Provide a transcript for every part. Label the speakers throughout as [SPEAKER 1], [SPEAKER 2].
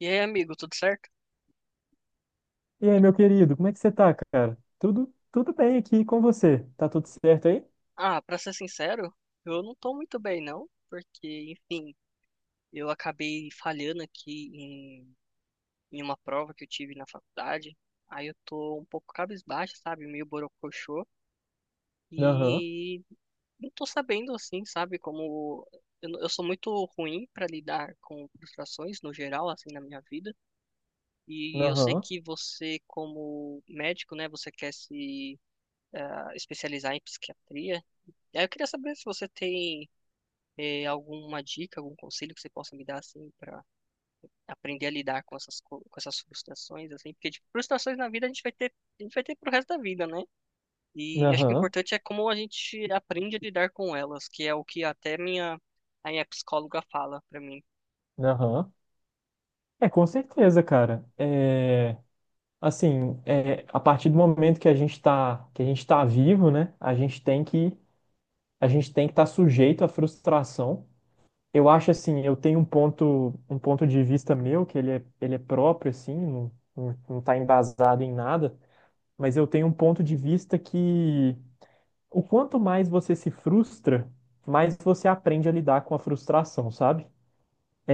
[SPEAKER 1] E aí, amigo, tudo certo?
[SPEAKER 2] E aí, meu querido, como é que você tá, cara? Tudo bem aqui com você? Tá tudo certo aí?
[SPEAKER 1] Ah, pra ser sincero, eu não tô muito bem, não, porque, enfim, eu acabei falhando aqui em uma prova que eu tive na faculdade. Aí eu tô um pouco cabisbaixo, sabe? Meio borocochô.
[SPEAKER 2] Aham,
[SPEAKER 1] E não tô sabendo, assim, sabe? Como eu, não- eu sou muito ruim pra lidar com frustrações no geral, assim, na minha vida. E eu sei
[SPEAKER 2] aham,
[SPEAKER 1] que você, como médico, né, você quer se especializar em psiquiatria. E aí eu queria saber se você tem alguma dica, algum conselho que você possa me dar assim para aprender a lidar com com essas frustrações assim, porque tipo, frustrações na vida a gente vai ter pro resto da vida, né? E acho que o
[SPEAKER 2] aham,
[SPEAKER 1] importante é como a gente aprende a lidar com elas, que é o que até minha a minha psicóloga fala para mim.
[SPEAKER 2] aham. É, com certeza, cara. É, assim, é, a partir do momento que a gente tá vivo, né? A gente tem que estar sujeito à frustração. Eu acho assim, eu tenho um ponto de vista meu que ele é próprio, assim, não tá embasado em nada, mas eu tenho um ponto de vista que o quanto mais você se frustra, mais você aprende a lidar com a frustração, sabe?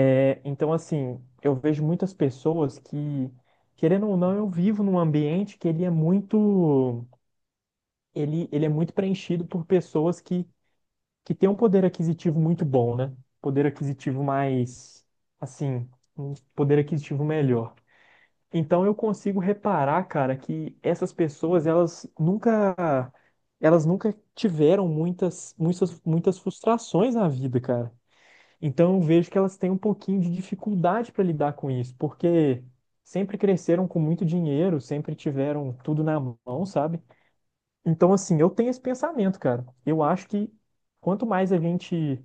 [SPEAKER 2] É, então, assim, eu vejo muitas pessoas que, querendo ou não, eu vivo num ambiente que ele é muito, ele é muito preenchido por pessoas que têm um poder aquisitivo muito bom, né? Poder aquisitivo mais, assim, um poder aquisitivo melhor. Então eu consigo reparar, cara, que essas pessoas, elas nunca tiveram muitas, muitas, muitas frustrações na vida, cara. Então eu vejo que elas têm um pouquinho de dificuldade para lidar com isso, porque sempre cresceram com muito dinheiro, sempre tiveram tudo na mão, sabe? Então assim, eu tenho esse pensamento, cara. Eu acho que quanto mais a gente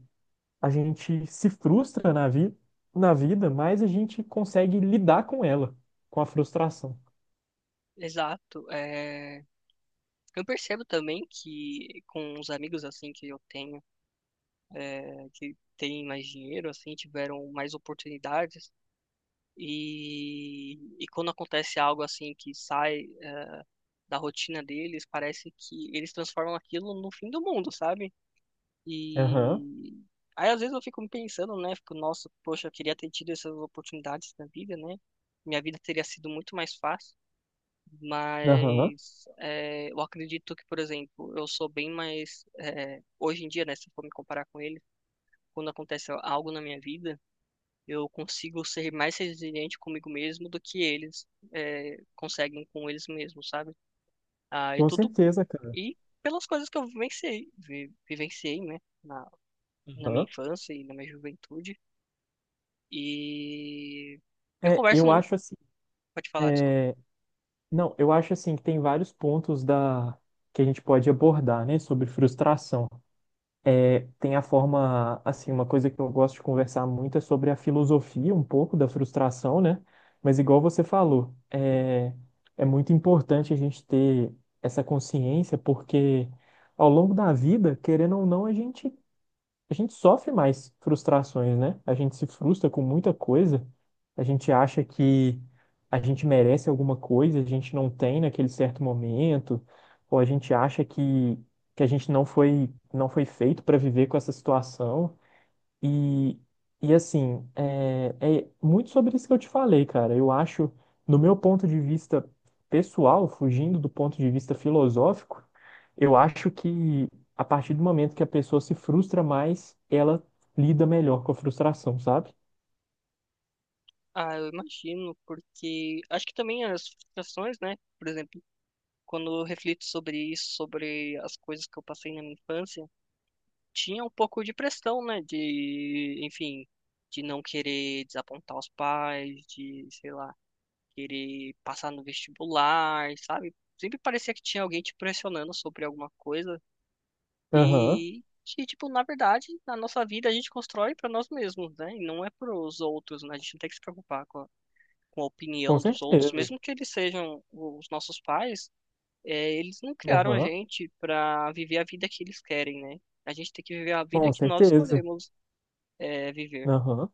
[SPEAKER 2] a gente se frustra na vida, mais a gente consegue lidar com ela, com a frustração.
[SPEAKER 1] Exato. Eu percebo também que com os amigos assim que eu tenho, que têm mais dinheiro assim, tiveram mais oportunidades. E quando acontece algo assim que sai da rotina deles, parece que eles transformam aquilo no fim do mundo, sabe?
[SPEAKER 2] Aham,
[SPEAKER 1] E aí às vezes eu fico me pensando, né? Fico, nossa, poxa, eu queria ter tido essas oportunidades na vida, né? Minha vida teria sido muito mais fácil.
[SPEAKER 2] aham,
[SPEAKER 1] Mas eu acredito que, por exemplo, eu sou bem mais. Hoje em dia, né, se eu for me comparar com ele, quando acontece algo na minha vida, eu consigo ser mais resiliente comigo mesmo do que eles conseguem com eles mesmos, sabe? Ah, e
[SPEAKER 2] com
[SPEAKER 1] tudo.
[SPEAKER 2] certeza, cara.
[SPEAKER 1] E pelas coisas que eu vivenciei, né, na minha
[SPEAKER 2] Aham.
[SPEAKER 1] infância e na minha juventude. E eu
[SPEAKER 2] É,
[SPEAKER 1] converso
[SPEAKER 2] eu
[SPEAKER 1] muito,
[SPEAKER 2] acho assim,
[SPEAKER 1] pode falar, desculpa.
[SPEAKER 2] é, não, eu acho assim que tem vários pontos da que a gente pode abordar, né, sobre frustração. É, tem a forma, assim, uma coisa que eu gosto de conversar muito é sobre a filosofia um pouco da frustração, né? Mas igual você falou, é, é muito importante a gente ter essa consciência porque ao longo da vida, querendo ou não, a gente sofre mais frustrações, né? A gente se frustra com muita coisa, a gente acha que a gente merece alguma coisa, a gente não tem naquele certo momento, ou a gente acha que a gente não foi feito para viver com essa situação. E, e assim, é, é muito sobre isso que eu te falei, cara. Eu acho, no meu ponto de vista pessoal, fugindo do ponto de vista filosófico, eu acho que a partir do momento que a pessoa se frustra mais, ela lida melhor com a frustração, sabe?
[SPEAKER 1] Ah, eu imagino, porque acho que também as frustrações, né, por exemplo, quando eu reflito sobre isso, sobre as coisas que eu passei na minha infância, tinha um pouco de pressão, né, de, enfim, de não querer desapontar os pais, de, sei lá, querer passar no vestibular, sabe? Sempre parecia que tinha alguém te pressionando sobre alguma coisa
[SPEAKER 2] Aham,
[SPEAKER 1] e que, tipo, na verdade, na nossa vida a gente constrói para nós mesmos, né? E não é para os outros, né? A gente não tem que se preocupar com a
[SPEAKER 2] com
[SPEAKER 1] opinião dos outros,
[SPEAKER 2] certeza.
[SPEAKER 1] mesmo que eles sejam os nossos pais, eles não criaram a
[SPEAKER 2] Aham,
[SPEAKER 1] gente para viver a vida que eles querem, né? A gente tem que viver a vida
[SPEAKER 2] com
[SPEAKER 1] que nós
[SPEAKER 2] certeza.
[SPEAKER 1] escolhemos viver.
[SPEAKER 2] Aham.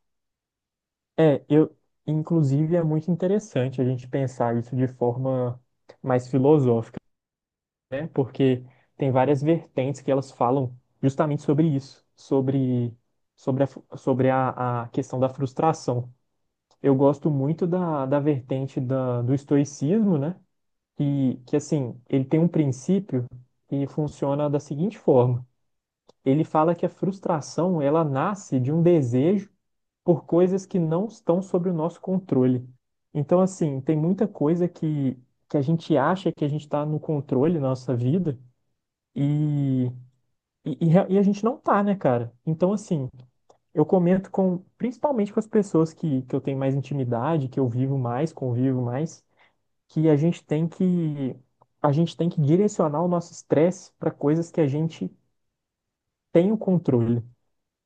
[SPEAKER 2] É, eu, inclusive, é muito interessante a gente pensar isso de forma mais filosófica, né? Porque tem várias vertentes que elas falam justamente sobre isso, sobre, sobre, sobre a questão da frustração. Eu gosto muito da, da vertente da, do estoicismo, né? E que, assim, ele tem um princípio que funciona da seguinte forma. Ele fala que a frustração, ela nasce de um desejo por coisas que não estão sob o nosso controle. Então, assim, tem muita coisa que a gente acha que a gente está no controle da nossa vida, e, e a gente não tá, né, cara? Então, assim, eu comento com, principalmente com as pessoas que eu tenho mais intimidade, que eu vivo mais, convivo mais, que a gente tem que direcionar o nosso estresse para coisas que a gente tem o controle.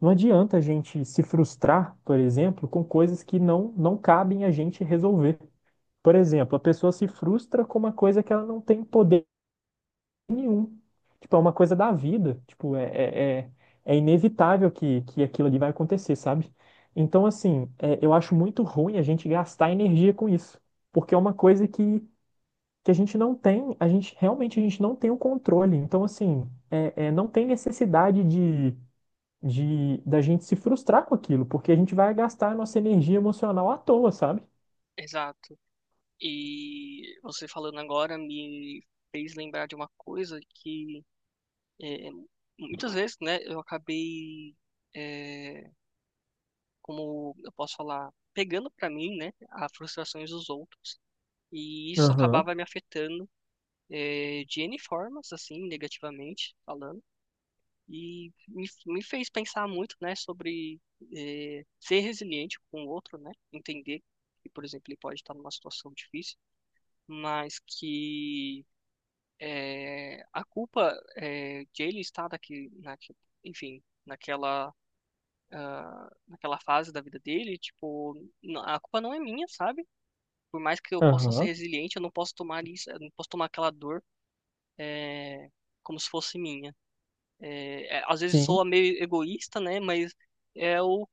[SPEAKER 2] Não adianta a gente se frustrar, por exemplo, com coisas que não cabem a gente resolver. Por exemplo, a pessoa se frustra com uma coisa que ela não tem poder nenhum. Tipo, é uma coisa da vida. Tipo, é, é inevitável que aquilo ali vai acontecer, sabe? Então, assim, é, eu acho muito ruim a gente gastar energia com isso. Porque é uma coisa que a gente não tem, a gente realmente a gente não tem o controle. Então, assim, não tem necessidade de da gente se frustrar com aquilo, porque a gente vai gastar a nossa energia emocional à toa, sabe?
[SPEAKER 1] Exato. E você falando agora me fez lembrar de uma coisa que É, muitas vezes, né, eu acabei, é, como eu posso falar, pegando pra mim, né, as frustrações dos outros. E isso
[SPEAKER 2] Aham,
[SPEAKER 1] acabava me afetando, de N formas, assim, negativamente falando. E me fez pensar muito, né, sobre, ser resiliente com o outro, né, entender que, por exemplo, ele pode estar numa situação difícil, mas que a culpa é, de ele estar daqui, na, enfim, naquela fase da vida dele, tipo, a culpa não é minha, sabe? Por mais que eu possa ser
[SPEAKER 2] aham,
[SPEAKER 1] resiliente, eu não posso tomar isso, eu não posso tomar aquela dor eh, como se fosse minha. Às vezes
[SPEAKER 2] sim,
[SPEAKER 1] soa meio egoísta, né? Mas é o,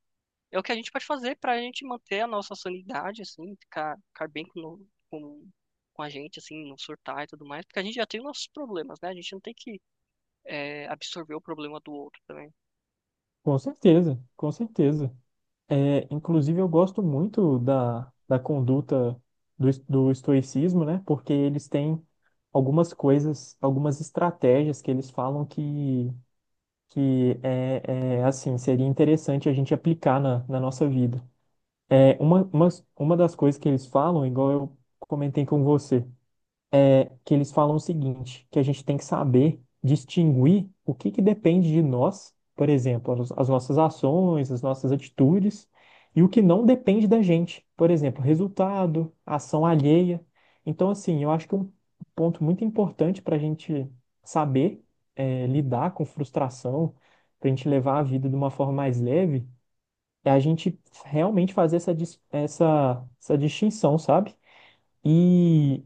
[SPEAKER 1] é o que a gente pode fazer para a gente manter a nossa sanidade, assim, ficar bem com, no- com a gente, assim, não surtar e tudo mais, porque a gente já tem os nossos problemas, né? A gente não tem que absorver o problema do outro também.
[SPEAKER 2] com certeza, com certeza. É, inclusive, eu gosto muito da, da conduta do, do estoicismo, né? Porque eles têm algumas coisas, algumas estratégias que eles falam que é, é, assim, seria interessante a gente aplicar na, na nossa vida. É, uma das coisas que eles falam, igual eu comentei com você, que eles falam o seguinte, que a gente tem que saber distinguir o que que depende de nós, por exemplo, as nossas ações, as nossas atitudes, e o que não depende da gente, por exemplo, resultado, ação alheia. Então, assim, eu acho que um ponto muito importante para a gente saber eh, lidar com frustração, para a gente levar a vida de uma forma mais leve, é a gente realmente fazer essa, essa, essa distinção, sabe? E,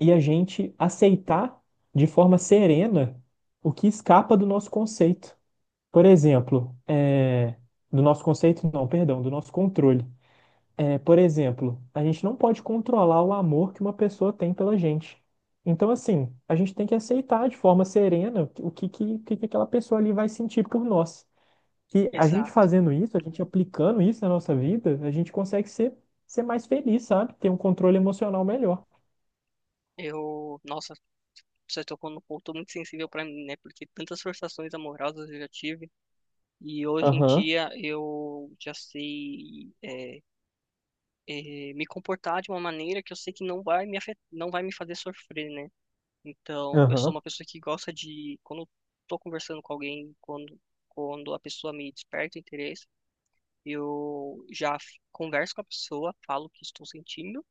[SPEAKER 2] e a gente aceitar de forma serena o que escapa do nosso conceito. Por exemplo, é, do nosso conceito, não, perdão, do nosso controle. É, por exemplo, a gente não pode controlar o amor que uma pessoa tem pela gente. Então, assim, a gente tem que aceitar de forma serena o que, que que aquela pessoa ali vai sentir por nós. E a gente
[SPEAKER 1] Exato.
[SPEAKER 2] fazendo isso, a gente aplicando isso na nossa vida, a gente consegue ser, ser mais feliz, sabe? Ter um controle emocional melhor.
[SPEAKER 1] Nossa, você tocou num ponto muito sensível para mim, né? Porque tantas frustrações amorosas eu já tive e hoje em
[SPEAKER 2] Aham.
[SPEAKER 1] dia eu já sei me comportar de uma maneira que eu sei que não vai me fazer sofrer, né? Então, eu sou
[SPEAKER 2] Aham,
[SPEAKER 1] uma pessoa que gosta de quando eu tô conversando com alguém, quando a pessoa me desperta interesse, eu já converso com a pessoa, falo o que estou sentindo,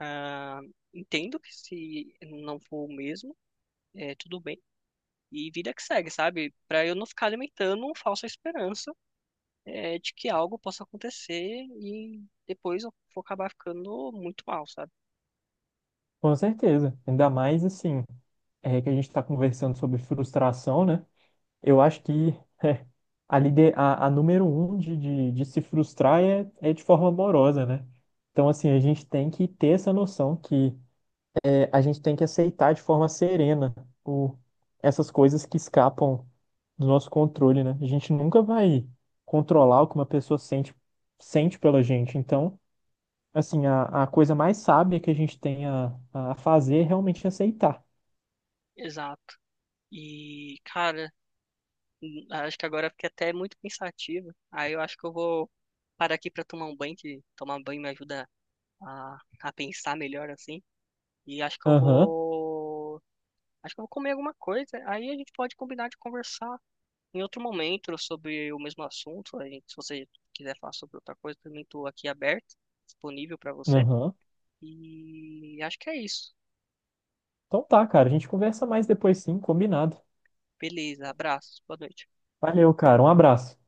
[SPEAKER 1] ah, entendo que se não for o mesmo, é tudo bem. E vida que segue, sabe? Pra eu não ficar alimentando uma falsa esperança de que algo possa acontecer e depois eu vou acabar ficando muito mal, sabe?
[SPEAKER 2] com certeza. Ainda mais assim, é que a gente está conversando sobre frustração, né? Eu acho que é, a número um de se frustrar é, é de forma amorosa, né? Então, assim, a gente tem que ter essa noção que é, a gente tem que aceitar de forma serena o, essas coisas que escapam do nosso controle, né? A gente nunca vai controlar o que uma pessoa sente, sente pela gente. Então, assim, a coisa mais sábia que a gente tem a fazer é realmente aceitar.
[SPEAKER 1] Exato. E, cara, acho que agora eu fiquei até muito pensativa. Aí eu acho que eu vou parar aqui pra tomar um banho, que tomar banho me ajuda a pensar melhor, assim. E acho que eu
[SPEAKER 2] Aham,
[SPEAKER 1] vou. Acho que eu vou comer alguma coisa. Aí a gente pode combinar de conversar em outro momento, sobre o mesmo assunto, se você quiser falar sobre outra coisa, também estou aqui aberto, disponível para você.
[SPEAKER 2] aham.
[SPEAKER 1] E acho que é isso.
[SPEAKER 2] Então tá, cara. A gente conversa mais depois sim, combinado.
[SPEAKER 1] Beleza, abraços, boa noite.
[SPEAKER 2] Valeu, cara. Um abraço.